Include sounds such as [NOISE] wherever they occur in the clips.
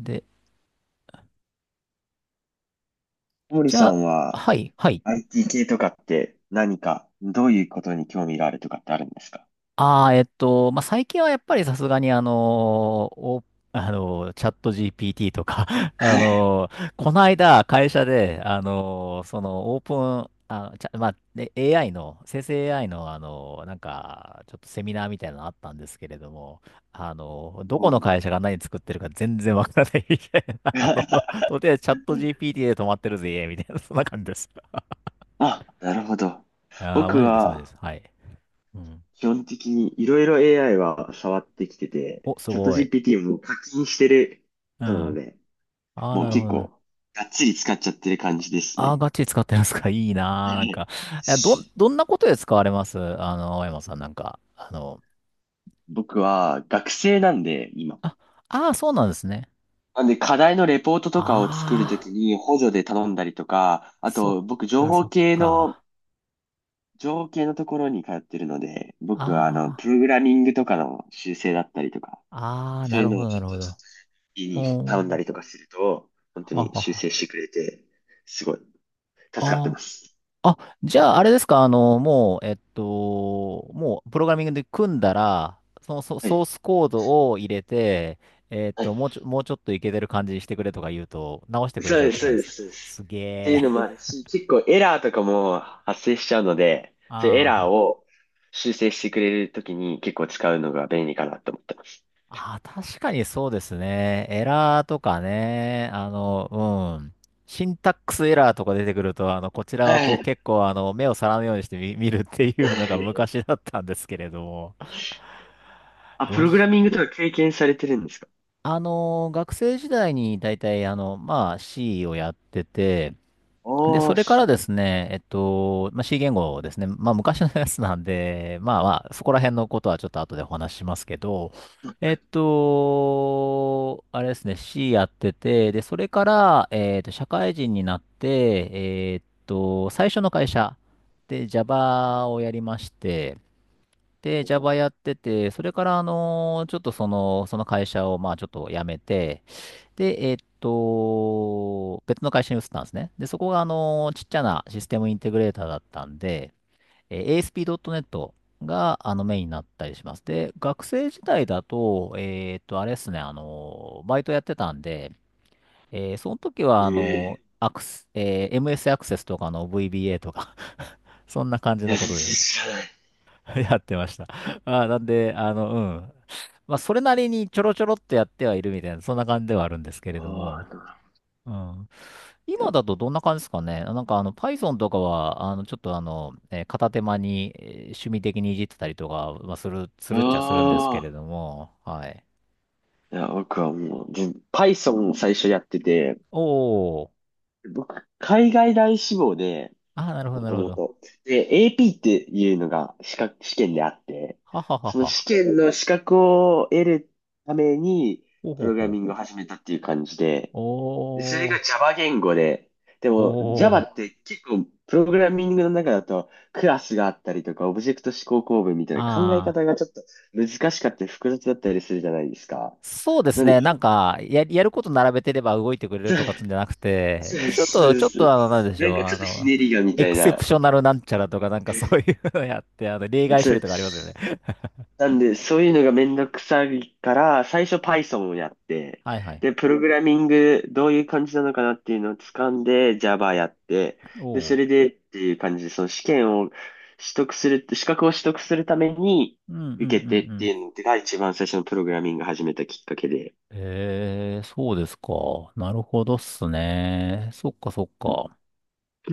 で、森じさゃあ、んは はい、はい。IT 系とかって何か、どういうことに興味があるとかってあるんですか？ああ、まあ、最近はやっぱりさすがにお、チャット GPT とか [LAUGHS] はい。この間会社で、そのオープン、あ、ちゃ、まあ、で AI の、生成 AI の、なんか、ちょっとセミナーみたいなのあったんですけれども、どこうのん。会社が何作ってるか全然わからないみたいな、[LAUGHS] あの、[LAUGHS] とりあえずチャット GPT で止まってるぜ、みたいな、そんな感じです。あ、なるほど。ああ、僕マジです、マジではす。はい。うん、基本的にいろいろ AI は触ってきてて、お、すチャット ごい。GPT も課金してるうん。人なのあで、あ、もうなるほ結どね。構がっつり使っちゃってる感じですああ、ね。ガチ使ってますか。[LAUGHS] いいなー。なんか、え、[LAUGHS] ど、どんなことで使われます、あの、青山さん、なんか。あの、僕は学生なんで、今。あ、ああ、そうなんですね。なんで、課題のレポートとかを作るとあきあ、に補助で頼んだりとか、あそっと、僕、情か、報そっ系のか。情景のところに通ってるので、僕はあの、あプログラミングとかの修正だったりとか、あ、ああ、そうないうるのほをど、ちなょっると、ちょほっど。と、家にお頼んだー、りとかすると、本当はには修は。正してくれて、すごい、助かってまあす。あ、じゃあ、あれですか、あの、もう、えっと、もう、プログラミングで組んだら、そのソはソーい。スコードを入れて、えっはい。と、もうちょ、もうちょっといけてる感じにしてくれとか言うと、直してくれそちうゃうっです、て感そじうでですす、か。そうです。すげっていうえ。のもあるし、結構エラーとかも発生しちゃうので、[LAUGHS] そういうエああ、はラーい。を修正してくれるときに結構使うのが便利かなと思ってます。ああ、確かにそうですね。エラーとかね、あの、うん。シンタックスエラーとか出てくると、あの、こちらははこうい。結構、あの、目を皿のようにして見、見るっていはうのがい。昔だったんですけれども。あ、プロログラジミングとか経験されてるんですか？あの、学生時代に大体、あの、まあ、C をやってて、で、おそー、れかシらンでプすル。ね、まあ、C 言語ですね。まあ、昔のやつなんで、まあまあ、そこら辺のことはちょっと後でお話ししますけど、はい。あれですね、C やってて、で、それから、社会人になって、最初の会社で Java をやりまして、で、Java おやってて、それから、あの、ちょっとその、その会社を、まあ、ちょっと辞めて、で、別の会社に移ったんですね。で、そこが、あの、ちっちゃなシステムインテグレーターだったんで、えー ASP.NET が、あの、メインになったりします。で、学生時代だと、あれですね、あの、バイトやってたんで、えーその時は、ー。あの、えアクス、えー MS アクセスとかの VBA とか [LAUGHS] そんな感じえ。いのや、こ全然とで 知らない。[LAUGHS] やってました。まあー、なんで、あの、うん。まあ、それなりにちょろちょろっとやってはいるみたいな、そんな感じではあるんですけれどああ、なも。るほど。うん、いや。今だとどんな感じですかね。なんかあの Python とかは、あのちょっとあの、えー片手間にえー趣味的にいじってたりとか、まあ、する、すあるっちゃするんですけれあ。ども、はい。いや、僕はもう、全 Python を最初やってて、おー。僕、海外大志望で、あー、なるほど、もなるとほもど。と。で、AP っていうのが資格、試験であって、はははそのは。試験の資格を得るために、ほうプほうログラほう。ミングを始めたっていう感じで、それおが ー。Java 言語で、でも Java おっー。て結構プログラミングの中だとクラスがあったりとかオブジェクト指向構文みたいな考えあ方ー。がちょっと難しかったり複雑だったりするじゃないですか。そうでなすんで、ね。なんか、や、やること並べてれば動いてくれるとかつんじゃなくそて、うちょっそうと、そうちょっそとう。あの、なんでしなんょう。かちあょっとひの、ねりがみエたクいセプな。ショナルなんちゃらとか、なんかそういうのやって、あの、例外そ処理う。とかありますよね。なんで、そういうのがめんどくさいから、最初 Python をやって、はいはい。で、プログラミング、どういう感じなのかなっていうのを掴んで、Java やって、で、おそれう。でっていう感じで、その試験を取得する、資格を取得するために、うんうんう受けてんうってん。いうのが一番最初のプログラミングを始めたきっかけで、ええ、そうですか。なるほどっすね。そっかそっか。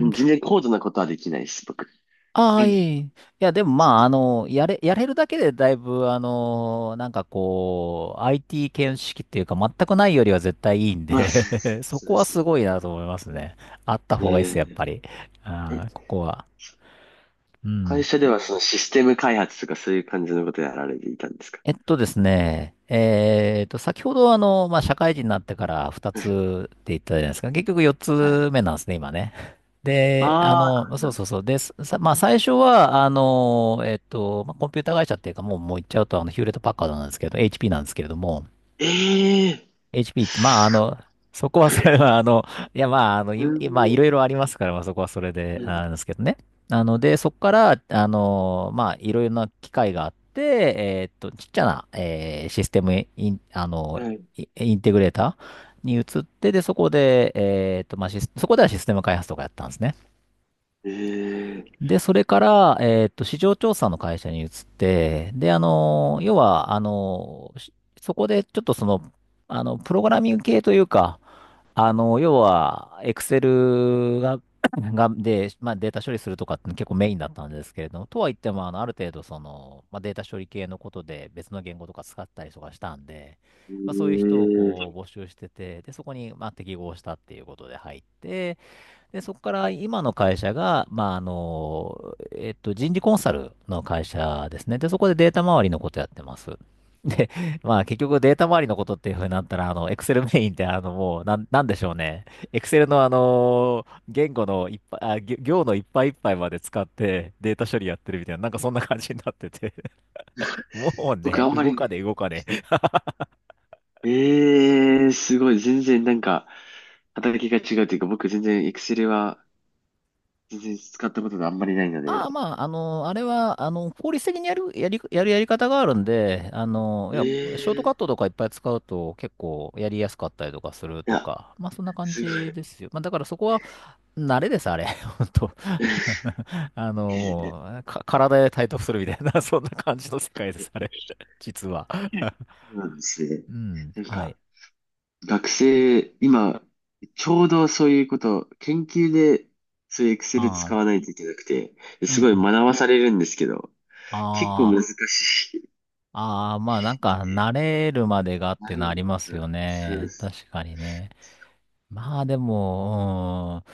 ん、然高度なことはできないです、僕。あうあ、いえん。いえ。いや、でもまあ、あの、やれ、やれるだけでだいぶ、あの、なんかこう、IT 見識っていうか、全くないよりは絶対いいんまあ、で [LAUGHS] そそうこではすすね。ごいなと思いますね。あったえ方がいいっす、やっーぱり。ああ、こえ、こは。う会ん。社ではそのシステム開発とかそういう感じのことやられていたんですか？えっとですね、えっと、先ほどあの、まあ、社会人になってから2つって言ったじゃないですか。結局4はつい。目なんですね、今ね。で、あああ、神の、奈そうそう川。そう。です。さまあ、最初は、あの、まあ、コンピューター会社っていうか、もう、もう言っちゃうと、あの、ヒューレットパッカードなんですけど、HP なんですけれども、ええー、 HP って、まあ、あすの、そこはごそれい。は、あの、いや、まあ、あの、い、いまあ、いろいろありますから、まあ、そこはそれで、うあん。なんですけどね。なので、そこから、あの、まあ、いろいろな機械があって、ちっちゃな、えーシステムイン、あの、はい。イインテグレーターに移って、で、そこで、まあ、シスそこではシステム開発とかやったんですね。ええ。で、それから、市場調査の会社に移って、で、あの、要は、あの、しそこでちょっとその、あの、プログラミング系というか、あの、要は、Excel が、[CLEARS THROAT] [LAUGHS] が、で、まあ、データ処理するとかって結構メインだったんですけれども、とは言っても、あの、ある程度、その、まあ、データ処理系のことで別の言語とか使ったりとかしたんで、まあ、そういう人をえこえ。う募集してて、で、そこに、まあ、適合したっていうことで入って、で、そこから今の会社が、まあ、あの、人事コンサルの会社ですね。で、そこでデータ周りのことやってます。で、まあ、結局データ周りのことっていうふうになったら、あの、Excel メインって、あの、もう、なん、なんでしょうね。Excel の、あの、言語のいっぱい、あ、ぎょ行のいっぱいいっぱいまで使ってデータ処理やってるみたいな、なんかそんな感じになってて、[LAUGHS] もう僕あね、んま動かり、ね、動かね。ええ、すごい。全然なんか、働きが違うというか、僕全然 Excel は全然使ったことがあんまりないのああ、で。まあ、あの、あれは、あの、効率的にやる、やり、やるやり方があるんで、あの、いや、ショートカッええ、トとかいっぱい使うと結構やりやすかったりとかするいとや、か、まあ、そんな感すごい。じですよ。まあ、だからそこは慣れです、あれ。[LAUGHS] 本当 [LAUGHS] [LAUGHS] あの、いもう、か、体で体得するみたいな、[LAUGHS] そんな感じの世界です、あれ。[LAUGHS] 実は。[LAUGHS] や、そうなんですね。うん、なんはい。か、学生、今、ちょうどそういうこと、研究で、そういう Excel あ使あ、わないといけなくて、うすんごいう学ん。ばされるんですけど、結構あ難しい。あ、ああ、まあなんか慣れるまでがっなてるのありまほすど、よそうでね。す。確かにね。まあでも、うん、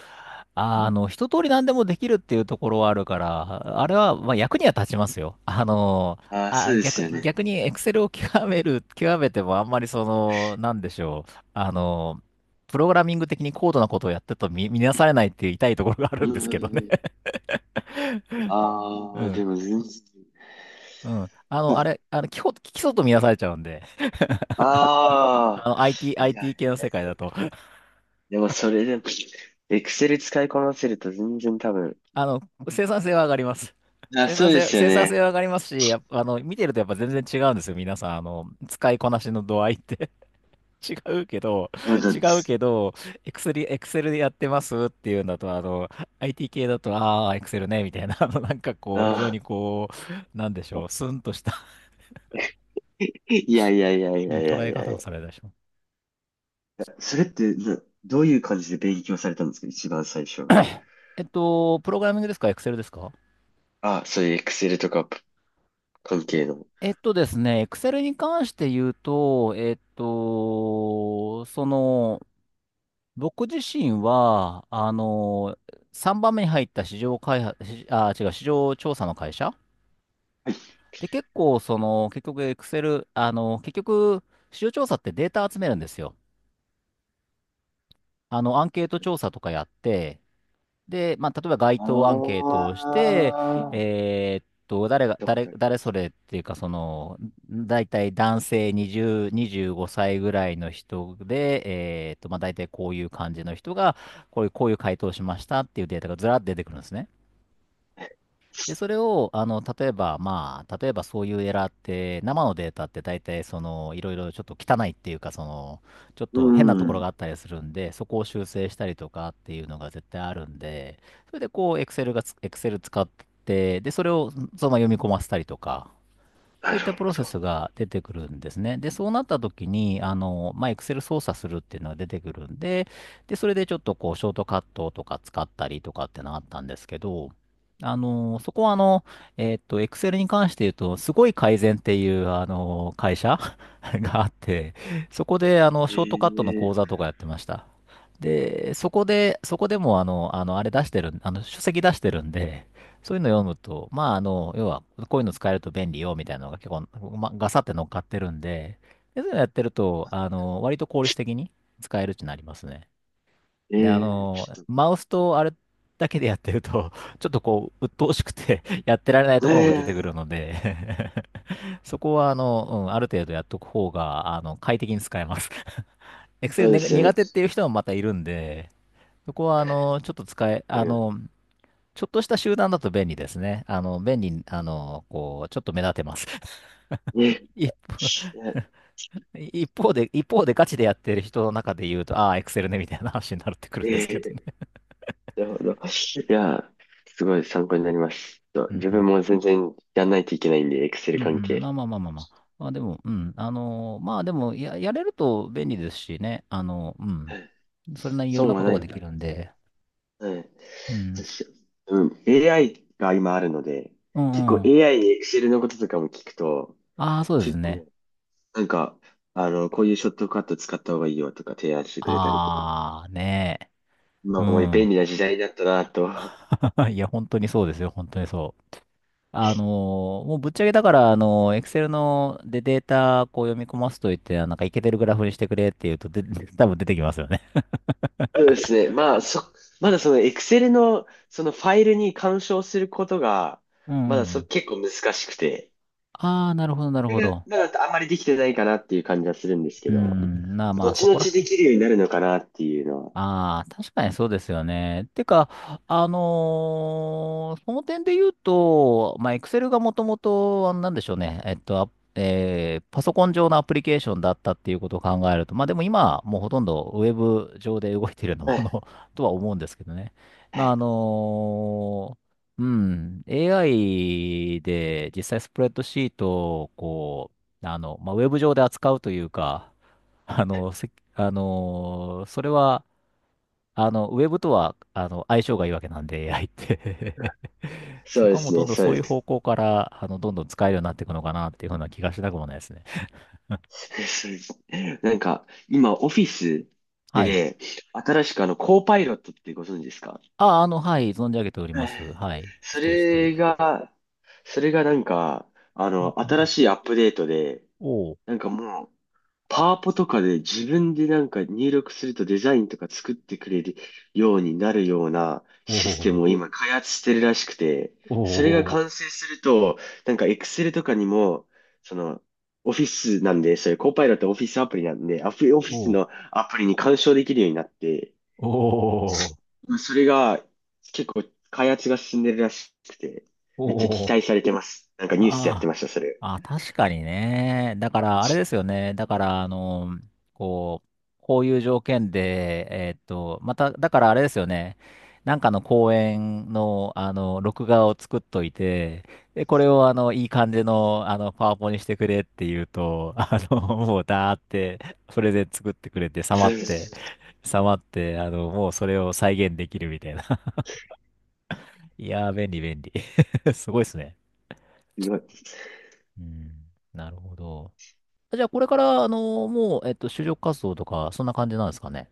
あの、一通り何でもできるっていうところはあるから、あれは、まあ役には立ちますよ。あの、ああ、そうあ、です逆よに、ね。逆にエクセルを極める、極めてもあんまりその、なんでしょう。あの、プログラミング的に高度なことをやってると見、見なされないっていう痛いところがあうるんんでうすけんどね。うん。[LAUGHS] あうあ、でん、も全然。うん。あいの、や。あれ、あの、基本、基礎と見なされちゃうんで、ああの、IT、あ、いや、IT 系の世界だと。でもそれでも、Excel 使いこなせると全然多分。あの、生産性は上がります。あ、生そ産うで性、すよ生産ね。性は上がりますし、やっぱあの、見てるとやっぱ全然違うんですよ。皆さん、使いこなしの度合いって [LAUGHS] 違うけど、そうな違んでうけす。ど、エクセルでやってますっていうんだと、IT 系だと、ああ、エクセルね、みたいな、非常あにこう、なんでしあ、ょう、スンとしたいやいやいやいうんやいや捉いえやい方をさや。れたでしょ。それってな、どういう感じで勉強されたんですか一番最初。[COUGHS] プログラミングですか、エクセルですか？あ、そういう Excel とか関え、係の。えっとですね、Excel に関して言うと、僕自身は、3番目に入った市場開発、市あ、違う、市場調査の会社で、結構、その、結局、エクセル、あの結局、市場調査ってデータ集めるんですよ。あの、アンケート調査とかやって、で、まあ、例えば街頭アンケーあトをして、あ、えーっと、誰が、見たこ誰、とある。誰それっていうか、大体男性20、25歳ぐらいの人で、まあ、大体こういう感じの人が、こういう回答をしましたっていうデータがずらっと出てくるんですね。で、それを、あの、例えば、まあ、例えばそういうエラーって、生のデータって大体、いろいろちょっと汚いっていうか、ちょっうと変なところん。があったりするんで、そこを修正したりとかっていうのが絶対あるんで、それでこう、Excel がつ、Excel 使って、で、それをそのまま読み込ませたりとか、そうないっるたプほロセスど。が出てくるんですね。で、そうなった時に、Excel 操作するっていうのが出てくるんで、で、それでちょっとこう、ショートカットとか使ったりとかってのがあったんですけど、あの、そこはあの、えっと、Excel に関して言うと、すごい改善っていう、あの、会社 [LAUGHS] があって、そこで、あの、ショートカットのえ講座え。とかやってました。で、そこで、そこでも、あの、あの、あれ出してるん、あの、書籍出してるんで、そういうの読むと、要は、こういうの使えると便利よ、みたいなのが結構、ま、ガサって乗っかってるんで、でそういうのやってると、あの、割と効率的に使えるってなりますね。えで、あえ、の、ちょっマウスとあれだけでやってると、[LAUGHS] ちょっとこう、鬱陶しくて [LAUGHS] やってられないとと、ころも出てくえるのえ、で [LAUGHS] そこは、あの、うん、ある程度やっとく方が、あの、快適に使えます。 [LAUGHS] Excel そうでねすよね。苦わ手っていう人もまたいるんで、そこは、あの、ちょっと使え、かありまの、す。ちょっとした集団だと便利ですね。あの、便利、あの、こう、ちょっと目立てます。え [LAUGHS] 一方、え。一方でガチでやってる人の中で言うと、ああ、エクセルね、みたいな話になってくるんですえけどね。え、 [LAUGHS] なるほど。いや、すごい参考になります。ちょっうとん自う分ん。も全然やんないといけないんで、う Excel ん関うん。まあ係。まあまあまあまあ。まあでも、うん。まあでも、やれると便利ですしね。あの、うん。それなりにいろん損なはことながい。できるんで。はい。うん。確、うん。AI が今あるので、う結構 んうん。AI に Excel のこととかも聞くと、ああ、そうです結ね。構、なんか、あの、こういうショットカット使った方がいいよとか提案してくれたりとか。ああ、ねえ。まうあ、もう便ん。利な時代になったなと。[LAUGHS] いや、本当にそうですよ。本当にそう。あのもうぶっちゃけだから、Excel のでデータこう読み込ますといって、あなんかいけてるグラフにしてくれって言うと、で、[LAUGHS] 多分出てきますよね。そうですね。まあ、そ、まだその Excel のそのファイルに干渉することが、うんうまんうだそ、ん。結構難しくて、ああ、なるほど、なるそれほがど。まだあんまりできてないかなっていう感じはするんですけど、まあ、そ後々こらへでんきるようになるのかなっていうのは。ああ、確かにそうですよね。てか、その点で言うと、まあ、Excel がもともと、なんでしょうね、パソコン上のアプリケーションだったっていうことを考えると、まあでも今、もうほとんどウェブ上で動いているようなはもい。の [LAUGHS] とは思うんですけどね。はまあ、あい。のうん、AI で実際スプレッドシートを、ウェブ上で扱うというか、あの、せ、あのーそれは、あの、ウェブとは、あの、相性がいいわけなんで、AI って [LAUGHS] そそうでこはもうすどんね、どんそうそういうで方す。向から、あの、どんどん使えるようになっていくのかなっていうふうな気がしなくもないですね。[LAUGHS] そうです。なんか、今、オフィスはい。で、新しくあの、コーパイロットってご存知ですか？あ、あの、はい、存じ上げておりはまい。す。はい。そ知ってる。れが、それがなんか、あうんうんの、う新ん。しいアップデートで、おお、なんかもう、パワポとかで自分でなんか入力するとデザインとか作ってくれるようになるようなおシステムお、を今開発してるらしくて、それがお完成すると、なんか Excel とかにも、その、オフィスなんで、そういうコーパイロットオフィスアプリなんで、アフオフィお、おお、スおうのアプリに干渉できるようになって、お、おうお、おうまあそれが結構開発が進んでるらしくて、めっちゃ期お、待されてます。なんかニュースでやってあました、それ。あ、あ、確かにね。だから、あれですよね。だから、あの、こう、こういう条件で、えーっと、また、だからあれですよね。なんかの公演の、あの、録画を作っといて、で、これを、あの、いい感じの、あの、パワポにしてくれって言うと、[LAUGHS] あの、もう、だーって、それで作ってくれて、さまそっうそうて、そさまって、あの、もうそれを再現できるみたいな。[LAUGHS] いやー、便利、便利。[LAUGHS] すごいですね。う。うん、なるほど。じゃあ、これから、あの、もう、えっと、就職活動とか、そんな感じなんですかね？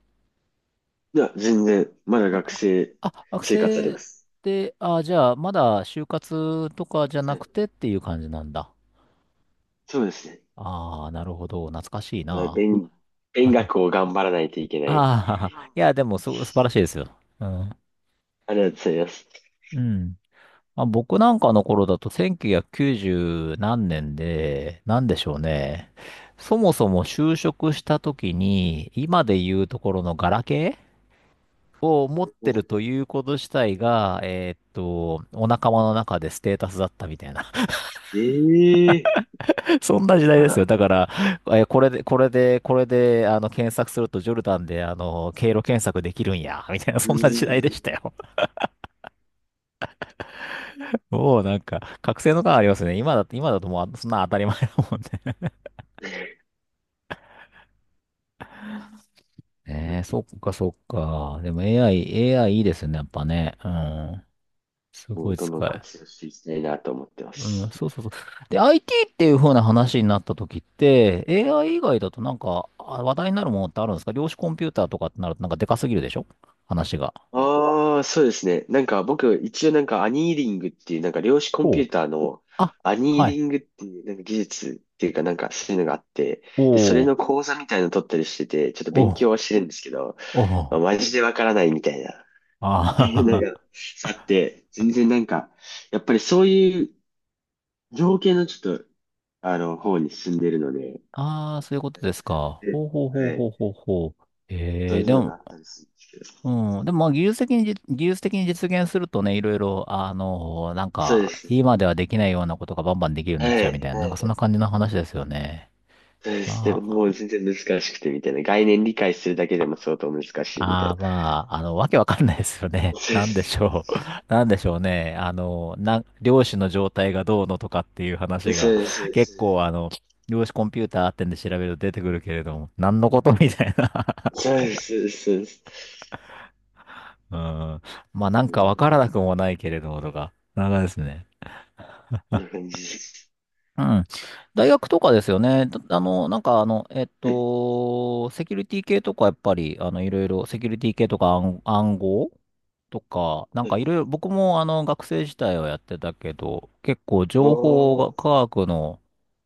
いや、全然、まだあ、学あ、生あ学生活あり生まっす。て、あ、じゃあ、まだ就活とかじゃはなくい。てっていう感じなんだ。そうですね。ああ、なるほど。懐かしいまだ、な。[LAUGHS] 勉、勉学を頑張らないといけない。ああ、[LAUGHS] あいや、でも、素晴らしいですよ。うん。りがとうございます。うん。まあ、僕なんかの頃だと、1990何年で、なんでしょうね。そもそも就職した時に、今で言うところのガラケーを持ってるということ自体が、えーっと、お仲間の中でステータスだったみたいな。[LAUGHS] ええ、そんな時代まですだ、よ。だから、これで、あの、検索するとジョルダンで、あの、経路検索できるんや、みたいな、うそんな時代でーしたん。よ。[LAUGHS] もうなんか、覚醒の感ありますね。今だって、今だともう、そんな当たり前だもんね。[LAUGHS] えー、そっかそっか。でも AI いいですね、やっぱね。うん。すもごう、いどん使どんえ、活用していきたいなと思ってまうん、す。そうそうそう。で、IT っていう風な話になった時って、AI 以外だとなんか、あ話題になるものってあるんですか？量子コンピューターとかってなるとなんかでかすぎるでしょ話が。ああ、そうですね。なんか僕、一応なんかアニーリングっていう、なんか量子コンおピュう。ーターのあ、アニーはリい。ングっていう、なんか技術っていうかなんかそういうのがあって、で、それおー、の講座みたいなの取ったりしてて、ちょっとお勉ー、強はしてるんですけど、おまー。あマジでわからないみたいな。[LAUGHS] なんあか、ー。 さって、全然なんか、やっぱりそういう情景のちょっと、あの、方に進んでるので、[LAUGHS] あー、そういうことですか。で、ほうほうほうはほい。うほうほう。そえうー、いうでのも、があったりするんですけど。うん、でもまあ技術的に実現するとね、いろいろ、なんそうでか、す。今ではできないようなことがバンバンできるようにはなっちゃうみたい。いな、なはんかいそんはい。な感じの話ですよね。そうですね。まあ、もう全然難しくてみたいな。概念理解するだけでも相当難しいみたあいあ、まあ、あの、わけわかんないですよね。な。[LAUGHS] そうでなんです。しょう。[LAUGHS] なんでしょうね。量子の状態がどうのとかっていう話そが、うで [LAUGHS] 結す。構、あの、量子コンピューターってんで調べると出てくるけれども、何のことみたいな。そうです。そうです。そうです。[LAUGHS] うん。まあ、なんうかん、わこからなくもないけれども、とか。なんかですね。んな感じです。うん。大学とかですよね。だあの、なんかあの、えっうんと、セキュリティ系とかやっぱり、いろいろ、セキュリティ系とか暗号とか、なんうかん。いろいろ、僕もあの学生時代はやってたけど、結構情報おが、科ー。学の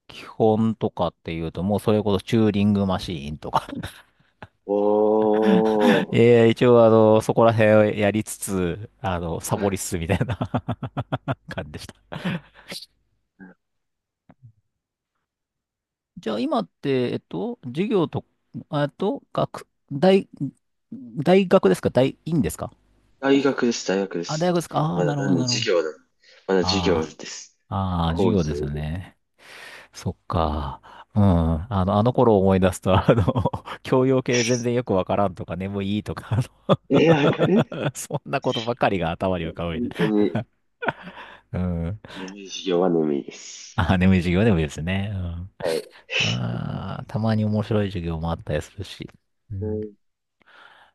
基本とかっていうと、もうそれこそチューリングマシーンとか、 お [LAUGHS] ー。一応あの、そこら辺をやりつつ、あの、サボりつつみたいな [LAUGHS] 感じでした。じゃあ今って、授業と、えっと、学、大、大学ですか、院ですか？大学です、大学であ、大す。学ですか。ああー、まなだ、るほなど、んでなるほ授ど。業だ。まだ授業であす。あ、ああ、授講業義ですよを。ね。そっか。うん。あの、あの頃を思い出すと、あの、[LAUGHS] 教養系全然よくわからんとか、眠いとか、あえー、わかる。の、 [LAUGHS] そんなことばかりが頭に浮かぶみ本た当いに、な。うん。眠い授業は眠いです。あ、眠い授業でもいいですね。うん。はい。まあ、たまに面白い授業もあったりするし。ううん、ん、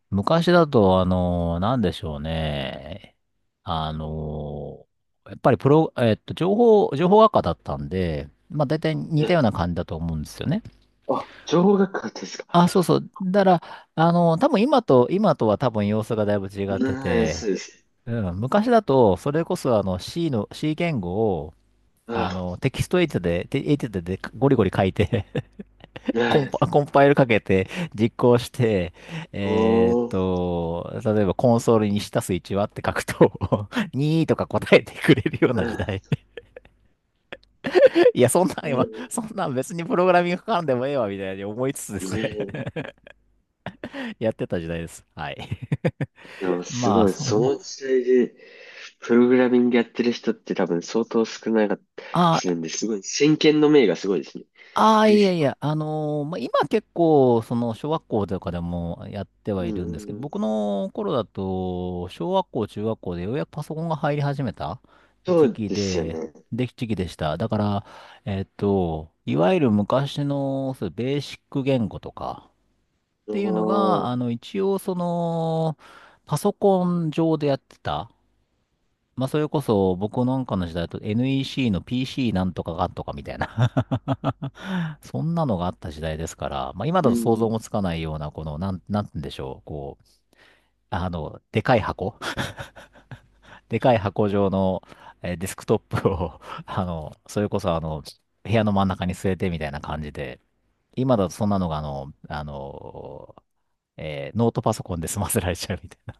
昔だと、あの、なんでしょうね。あの、やっぱりプロ、えっと、情報、情報学科だったんで、まあ大体似たよえ、うな感じだと思うんですよね。あ、情報学科ですか？あ、そうそう。だから、あの、多分今とは多分様子がだいぶ違うってん、そて、うです。うん、昔だと、それこそあの C の、C 言語を、ああ、の、テキストエディターで、テエディターでゴリゴリ書いて、 [LAUGHS] ね、コンパイルかけて実行して、えーっおー、と、例えばコンソールに下す1はって書くと、 [LAUGHS] 2とか答えてくれるよううな時ん、代。いや、ね、そんなん別にプログラミングかかんでもええわ、みたいに思いつつですね、 ね、[LAUGHS] やってた時代です。はい。でもすまあ、ごい、そう、そ [LAUGHS] の時代で、プログラミングやってる人って多分相当少なかったりあ、するんで、すごい、先見の明がすごいですね。ああ、いやいや、[LAUGHS] あのー、まあ、今結構、その、小学校とかでもやってうはんういるんですんけうど、ん、僕の頃だと、小学校、中学校でようやくパソコンが入り始めたそ時う期ですよで、ね。で、時期でした。だから、えっと、いわゆる昔の、そう、ベーシック言語とかっあていうのが、ああ、の、一応、その、パソコン上でやってた。まあ、それこそ、僕なんかの時代だと NEC の PC なんとかがんとかみたいな、 [LAUGHS] そんなのがあった時代ですから、まあ、今うだと想像ん。もつかないような、この、なんて言うんでしょう、こう、あの、でかい箱、 [LAUGHS] でかい箱状の、えーデスクトップを、 [LAUGHS] あの、それこそ、あの、部屋の真ん中に据えてみたいな感じで、今だとそんなのが、あの、えーノートパソコンで済ませられちゃうみたいな。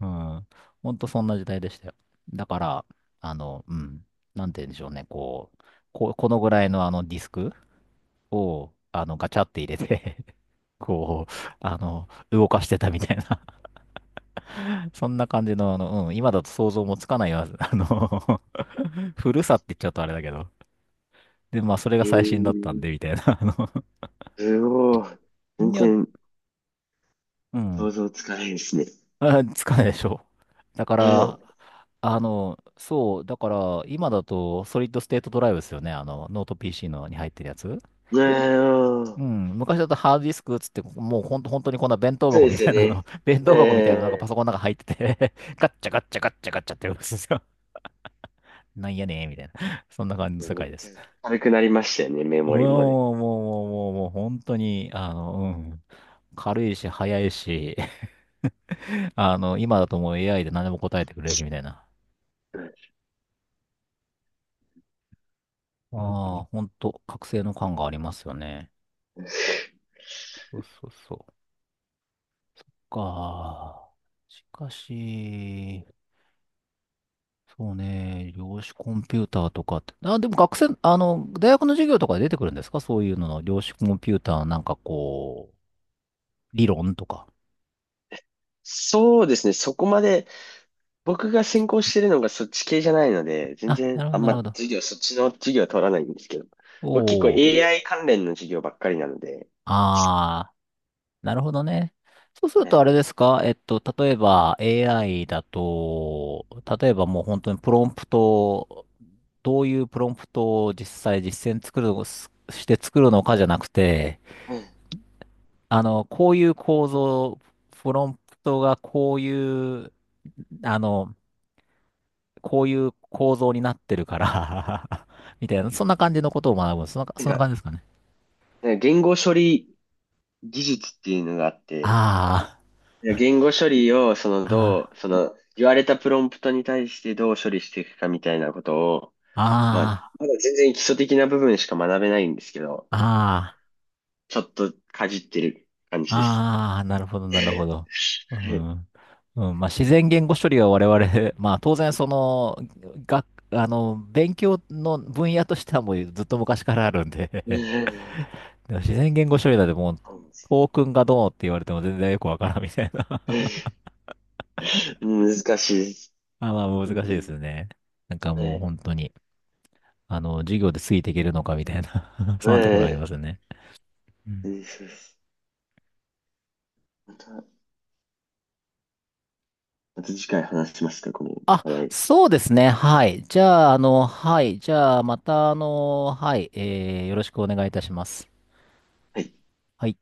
うん。ほんとそんな時代でしたよ。だから、あの、うん。なんて言うんでしょうね。こう、このぐらいのあのディスクを、あの、ガチャって入れて、 [LAUGHS] こう、あの、動かしてたみたいな、 [LAUGHS] そんな感じの、あの、うん、今だと想像もつかないよ、あの、 [LAUGHS] 古さって言っちゃうとあれだけど。で、まあ、それがえ最新だったんー、で、みたいな。あの、 すごい。[LAUGHS] 全いや、然う想ん。像つかないですね。[LAUGHS] あ、つかないでしょう。[LAUGHS] だかはい。ら、あの、そう、だから、今だと、ソリッドステートドライブですよね。あの、ノート PC のに入ってるやつ。いやー、うそん。昔だとハードディスクっつって、もうほんと、本当にこんな弁当う箱でみすたよいなね。の、[LAUGHS] 弁え当箱みたいなのがパえ、ソコンの中入ってて [LAUGHS] ガッチャガッチャガッチャガッチャってやるんですよ。[LAUGHS] なんやねーみたいな。[LAUGHS] そんな感じの世めっ界でちす。ゃ軽くなりましたよね、メ [LAUGHS] モリもね。もう、もう、もう、もう、もう、本当に、あの、うん。軽いし、早いし、[LAUGHS] あの、今だともう AI で何でも答えてくれるし、みたいな。ああ、ほんと、覚醒の感がありますよね。そうそうそう。か。しかし、そうね、量子コンピューターとかって。あ、でも学生、あの、大学の授業とかで出てくるんですか、そういうのの、量子コンピューターなんかこう、理論とか。そうですね、そこまで、僕が専攻してるのがそっち系じゃないので、全あ、な然るほあど、んなるまほど。授業、そっちの授業は取らないんですけど、僕結構 おー。AI 関連の授業ばっかりなので、ああ。なるほどね。そうするはとあい。れですか、えっと、例えば AI だと、例えばもう本当にプロンプトを、どういうプロンプトを実際実践作るの、すして作るのかじゃなくて、うん。あの、こういう構造、プロンプトがこういう、あの、こういう構造になってるから、 [LAUGHS] みたいな、そんな感じのことを学ぶ。なんそんなか、感じですかね。言語処理技術っていうのがあって、あいや言語処理を、その、あ、どあう、その、言われたプロンプトに対してどう処理していくかみたいなことを、まあ、あ、まだ全然基礎的な部分しか学べないんですけど、ああ、ああ。ちょっとかじってる感じです。ああ、なるほど、なるほど。う [LAUGHS] ん。うん、まあ、自然言語処理は我々、まあ、当然、その、学、あの、勉強の分野としてはもうずっと昔からあるんで、 [LAUGHS] でも自然言語処理だってもう、トークンがどうって言われても全然よくわからんみたいな。 [LAUGHS] 難しいです。あ、まあ、難し本い当ですに。よね。なんかはもうい。本当に、あの、授業でついていけるのかみたいな、 [LAUGHS] そんなとこはろありい。ますよね。うそうん、です。また、また次回話しますか、このあ、話題。そうですね。はい。じゃあ、あの、はい。じゃあ、また、あの、はい。えー、よろしくお願いいたします。はいはい。